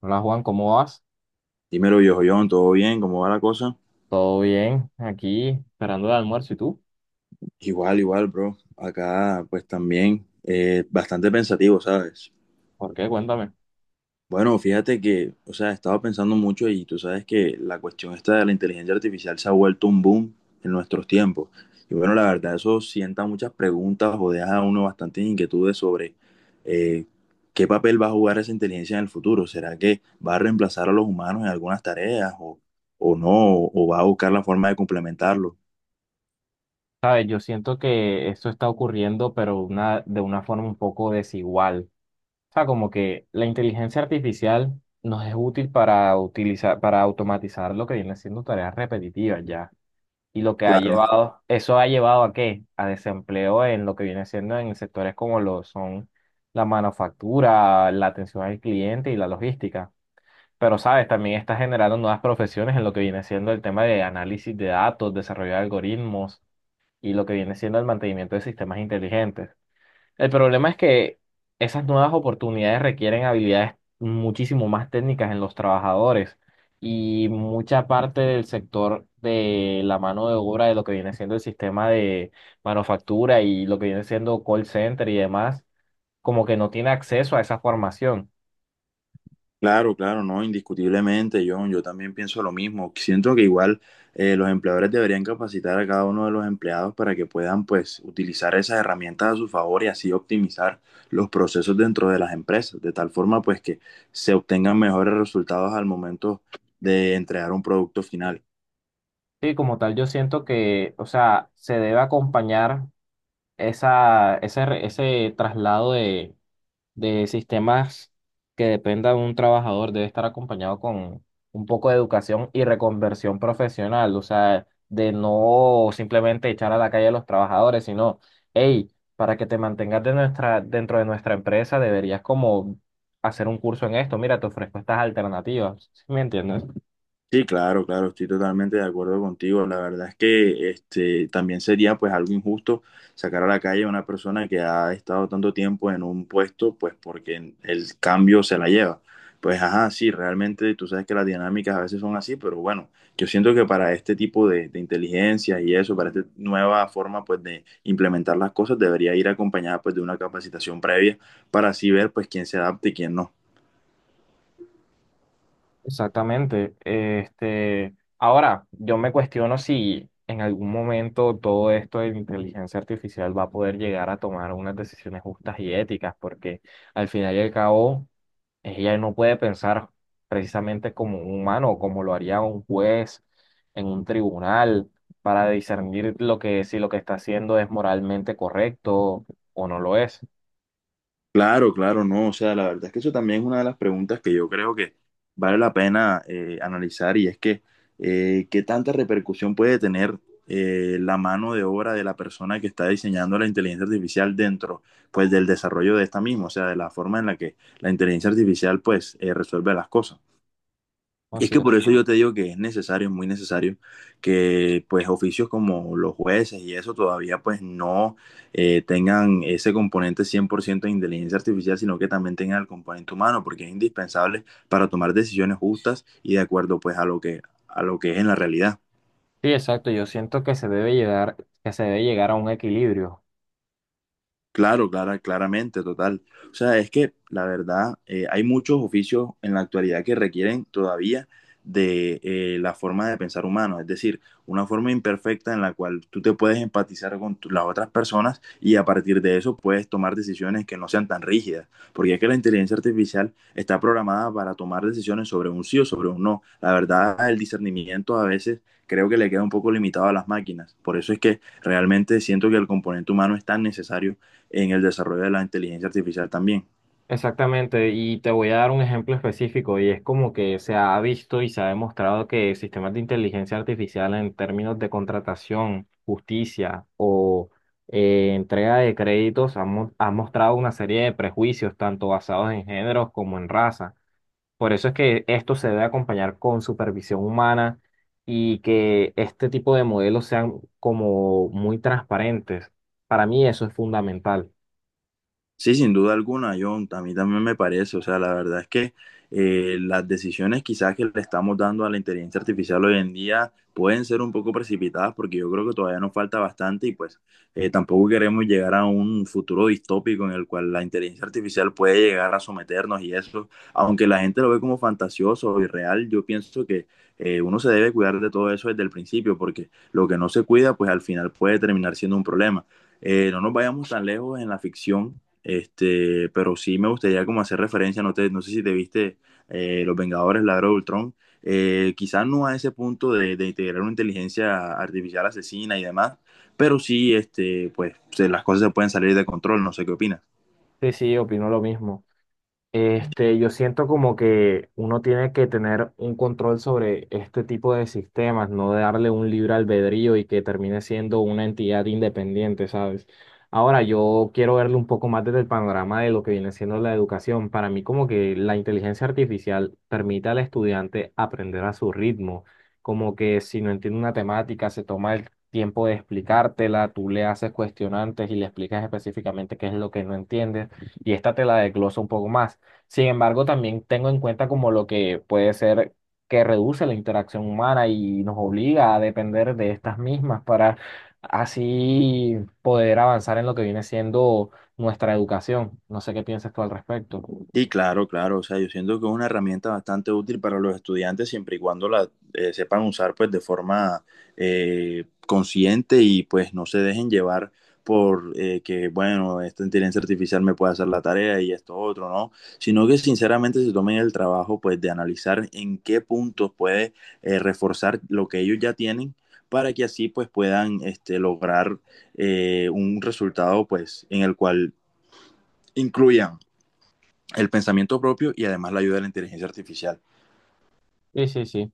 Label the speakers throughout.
Speaker 1: Hola Juan, ¿cómo vas?
Speaker 2: Dímelo, viejo John, ¿todo bien? ¿Cómo va la cosa?
Speaker 1: ¿Todo bien? Aquí esperando el almuerzo. ¿Y tú?
Speaker 2: Igual, igual, bro. Acá, pues también, bastante pensativo, ¿sabes?
Speaker 1: ¿Por qué? Cuéntame.
Speaker 2: Bueno, fíjate que, o sea, he estado pensando mucho y tú sabes que la cuestión esta de la inteligencia artificial se ha vuelto un boom en nuestros tiempos. Y bueno, la verdad, eso sienta muchas preguntas o deja a uno bastantes inquietudes sobre eh, qué papel va a jugar esa inteligencia en el futuro. ¿Será que va a reemplazar a los humanos en algunas tareas o no? ¿O va a buscar la forma de complementarlo?
Speaker 1: Sabes, yo siento que esto está ocurriendo, pero de una forma un poco desigual. O sea, como que la inteligencia artificial nos es útil para utilizar, para automatizar lo que viene siendo tareas repetitivas ya. Y lo que ha
Speaker 2: Claro.
Speaker 1: llevado, eso ha llevado ¿a qué? A desempleo en lo que viene siendo en sectores como lo son la manufactura, la atención al cliente y la logística. Pero, ¿sabes? También está generando nuevas profesiones en lo que viene siendo el tema de análisis de datos, desarrollo de algoritmos y lo que viene siendo el mantenimiento de sistemas inteligentes. El problema es que esas nuevas oportunidades requieren habilidades muchísimo más técnicas en los trabajadores y mucha parte del sector de la mano de obra de lo que viene siendo el sistema de manufactura y lo que viene siendo call center y demás, como que no tiene acceso a esa formación.
Speaker 2: Claro, claro, no, indiscutiblemente, John, yo también pienso lo mismo. Siento que igual los empleadores deberían capacitar a cada uno de los empleados para que puedan, pues, utilizar esas herramientas a su favor y así optimizar los procesos dentro de las empresas, de tal forma, pues, que se obtengan mejores resultados al momento de entregar un producto final.
Speaker 1: Sí, como tal, yo siento que, o sea, se debe acompañar ese traslado de sistemas que dependa de un trabajador, debe estar acompañado con un poco de educación y reconversión profesional, o sea, de no simplemente echar a la calle a los trabajadores, sino, hey, para que te mantengas dentro de nuestra empresa, deberías como hacer un curso en esto, mira, te ofrezco estas alternativas, ¿sí me entiendes?
Speaker 2: Sí, claro, claro, estoy totalmente de acuerdo contigo. La verdad es que este también sería pues algo injusto sacar a la calle a una persona que ha estado tanto tiempo en un puesto, pues porque el cambio se la lleva. Pues ajá, sí, realmente tú sabes que las dinámicas a veces son así, pero bueno, yo siento que para este tipo de inteligencia y eso, para esta nueva forma pues de implementar las cosas, debería ir acompañada pues de una capacitación previa para así ver pues quién se adapta y quién no.
Speaker 1: Exactamente. Este, ahora, yo me cuestiono si en algún momento todo esto de la inteligencia artificial va a poder llegar a tomar unas decisiones justas y éticas, porque al final y al cabo, ella no puede pensar precisamente como un humano, como lo haría un juez en un tribunal, para discernir si lo que está haciendo es moralmente correcto o no lo es.
Speaker 2: Claro, claro, no. O sea, la verdad es que eso también es una de las preguntas que yo creo que vale la pena analizar y es que qué tanta repercusión puede tener la mano de obra de la persona que está diseñando la inteligencia artificial dentro, pues, del desarrollo de esta misma, o sea, de la forma en la que la inteligencia artificial, pues, resuelve las cosas.
Speaker 1: No
Speaker 2: Y es
Speaker 1: es.
Speaker 2: que por eso yo te digo que es necesario, muy necesario, que pues oficios como los jueces y eso todavía pues no tengan ese componente 100% de inteligencia artificial, sino que también tengan el componente humano, porque es indispensable para tomar decisiones justas y de acuerdo pues a lo a lo que es en la realidad.
Speaker 1: Sí, exacto. Yo siento que que se debe llegar a un equilibrio.
Speaker 2: Claro, clara, claramente, total. O sea, es que la verdad, hay muchos oficios en la actualidad que requieren todavía de la forma de pensar humano, es decir, una forma imperfecta en la cual tú te puedes empatizar con las otras personas y a partir de eso puedes tomar decisiones que no sean tan rígidas, porque es que la inteligencia artificial está programada para tomar decisiones sobre un sí o sobre un no. La verdad, el discernimiento a veces creo que le queda un poco limitado a las máquinas, por eso es que realmente siento que el componente humano es tan necesario en el desarrollo de la inteligencia artificial también.
Speaker 1: Exactamente, y te voy a dar un ejemplo específico, y es como que se ha visto y se ha demostrado que sistemas de inteligencia artificial en términos de contratación, justicia o entrega de créditos han mostrado una serie de prejuicios, tanto basados en géneros como en raza. Por eso es que esto se debe acompañar con supervisión humana y que este tipo de modelos sean como muy transparentes. Para mí eso es fundamental.
Speaker 2: Sí, sin duda alguna, John, a mí también me parece, o sea, la verdad es que las decisiones quizás que le estamos dando a la inteligencia artificial hoy en día pueden ser un poco precipitadas porque yo creo que todavía nos falta bastante y pues tampoco queremos llegar a un futuro distópico en el cual la inteligencia artificial puede llegar a someternos y eso, aunque la gente lo ve como fantasioso y real, yo pienso que uno se debe cuidar de todo eso desde el principio porque lo que no se cuida pues al final puede terminar siendo un problema. No nos vayamos tan lejos en la ficción este, pero sí me gustaría como hacer referencia, no, no sé si te viste Los Vengadores, la era de Ultron, quizás no a ese punto de integrar una inteligencia artificial asesina y demás, pero sí, este, pues las cosas se pueden salir de control, no sé qué opinas.
Speaker 1: Sí, sí, opino lo mismo. Este, yo siento como que uno tiene que tener un control sobre este tipo de sistemas, no darle un libre albedrío y que termine siendo una entidad independiente, ¿sabes? Ahora, yo quiero verlo un poco más desde el panorama de lo que viene siendo la educación. Para mí, como que la inteligencia artificial permite al estudiante aprender a su ritmo, como que si no entiende una temática, se toma el tiempo de explicártela, tú le haces cuestionantes y le explicas específicamente qué es lo que no entiendes y esta te la desglosa un poco más. Sin embargo, también tengo en cuenta como lo que puede ser que reduce la interacción humana y nos obliga a depender de estas mismas para así poder avanzar en lo que viene siendo nuestra educación. No sé qué piensas tú al respecto.
Speaker 2: Sí, claro, claro. O sea, yo siento que es una herramienta bastante útil para los estudiantes siempre y cuando la sepan usar pues de forma consciente y pues no se dejen llevar por que, bueno, esta inteligencia artificial me puede hacer la tarea y esto otro, ¿no? Sino que sinceramente se tomen el trabajo pues de analizar en qué puntos puede reforzar lo que ellos ya tienen para que así pues puedan este, lograr un resultado pues en el cual incluyan el pensamiento propio y además la ayuda de la inteligencia artificial.
Speaker 1: Sí, sí, sí.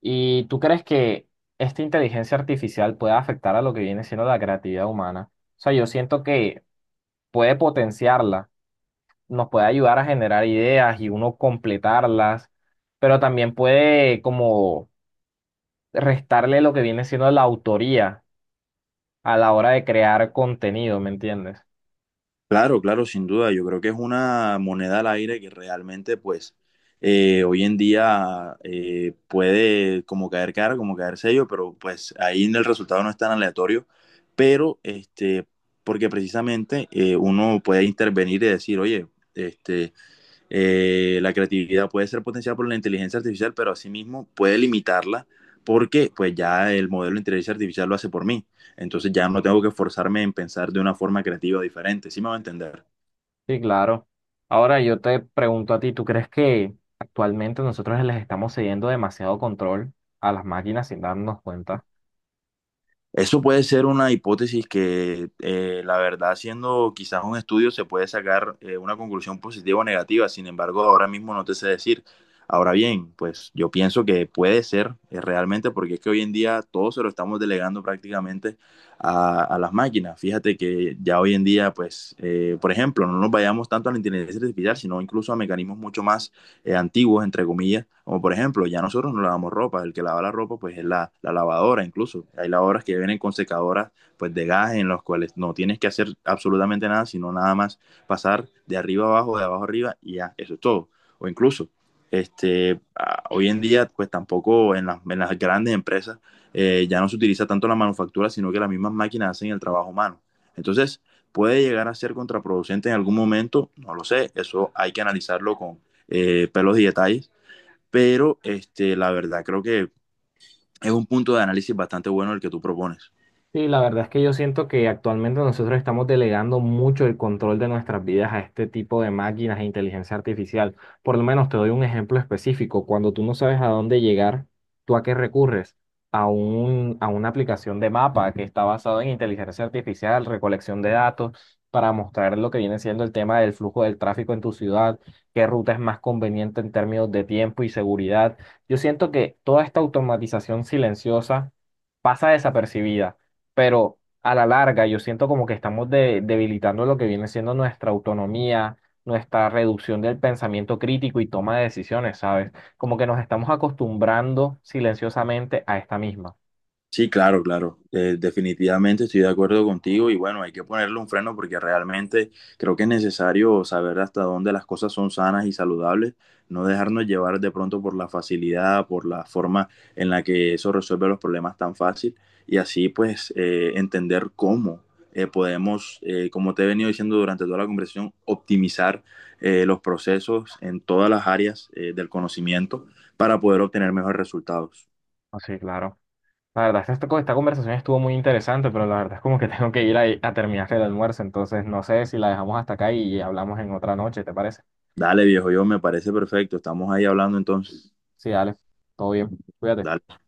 Speaker 1: ¿Y tú crees que esta inteligencia artificial puede afectar a lo que viene siendo la creatividad humana? O sea, yo siento que puede potenciarla, nos puede ayudar a generar ideas y uno completarlas, pero también puede como restarle lo que viene siendo la autoría a la hora de crear contenido, ¿me entiendes?
Speaker 2: Claro, claro, sin duda. Yo creo que es una moneda al aire que realmente, pues, hoy en día puede como caer cara, como caer sello, pero pues ahí en el resultado no es tan aleatorio. Pero, este, porque precisamente uno puede intervenir y decir, oye, este, la creatividad puede ser potenciada por la inteligencia artificial, pero asimismo puede limitarla porque pues ya el modelo de inteligencia artificial lo hace por mí. Entonces ya no tengo que forzarme en pensar de una forma creativa diferente, ¿sí me va a entender?
Speaker 1: Sí, claro. Ahora yo te pregunto a ti, ¿tú crees que actualmente nosotros les estamos cediendo demasiado control a las máquinas sin darnos cuenta?
Speaker 2: Eso puede ser una hipótesis que, la verdad, haciendo quizás un estudio se puede sacar una conclusión positiva o negativa. Sin embargo, ahora mismo no te sé decir. Ahora bien, pues yo pienso que puede ser realmente porque es que hoy en día todo se lo estamos delegando prácticamente a las máquinas. Fíjate que ya hoy en día, pues, por ejemplo, no nos vayamos tanto a la inteligencia artificial, sino incluso a mecanismos mucho más antiguos, entre comillas, como por ejemplo, ya nosotros no lavamos ropa, el que lava la ropa pues es la lavadora incluso. Hay lavadoras que vienen con secadoras pues de gas en los cuales no tienes que hacer absolutamente nada, sino nada más pasar de arriba abajo, de abajo arriba y ya, eso es todo. O incluso, este, hoy en día pues tampoco en, las, en las grandes empresas ya no se utiliza tanto la manufactura, sino que las mismas máquinas hacen el trabajo humano. Entonces, puede llegar a ser contraproducente en algún momento, no lo sé, eso hay que analizarlo con, pelos y detalles, pero este, la verdad creo que es un punto de análisis bastante bueno el que tú propones.
Speaker 1: Sí, la verdad es que yo siento que actualmente nosotros estamos delegando mucho el control de nuestras vidas a este tipo de máquinas e inteligencia artificial. Por lo menos te doy un ejemplo específico. Cuando tú no sabes a dónde llegar, ¿tú a qué recurres? A una aplicación de mapa que está basada en inteligencia artificial, recolección de datos, para mostrar lo que viene siendo el tema del flujo del tráfico en tu ciudad, qué ruta es más conveniente en términos de tiempo y seguridad. Yo siento que toda esta automatización silenciosa pasa desapercibida, pero a la larga yo siento como que estamos debilitando lo que viene siendo nuestra autonomía, nuestra reducción del pensamiento crítico y toma de decisiones, ¿sabes? Como que nos estamos acostumbrando silenciosamente a esta misma.
Speaker 2: Sí, claro, claro. Definitivamente estoy de acuerdo contigo y bueno, hay que ponerle un freno porque realmente creo que es necesario saber hasta dónde las cosas son sanas y saludables, no dejarnos llevar de pronto por la facilidad, por la forma en la que eso resuelve los problemas tan fácil y así pues entender cómo podemos, como te he venido diciendo durante toda la conversación, optimizar los procesos en todas las áreas del conocimiento para poder obtener mejores resultados.
Speaker 1: Así, claro. La verdad, esta conversación estuvo muy interesante, pero la verdad es como que tengo que a terminar el almuerzo, entonces no sé si la dejamos hasta acá y hablamos en otra noche, ¿te parece?
Speaker 2: Dale, viejo, yo me parece perfecto. Estamos ahí hablando entonces.
Speaker 1: Sí, dale, todo bien, cuídate.
Speaker 2: Dale.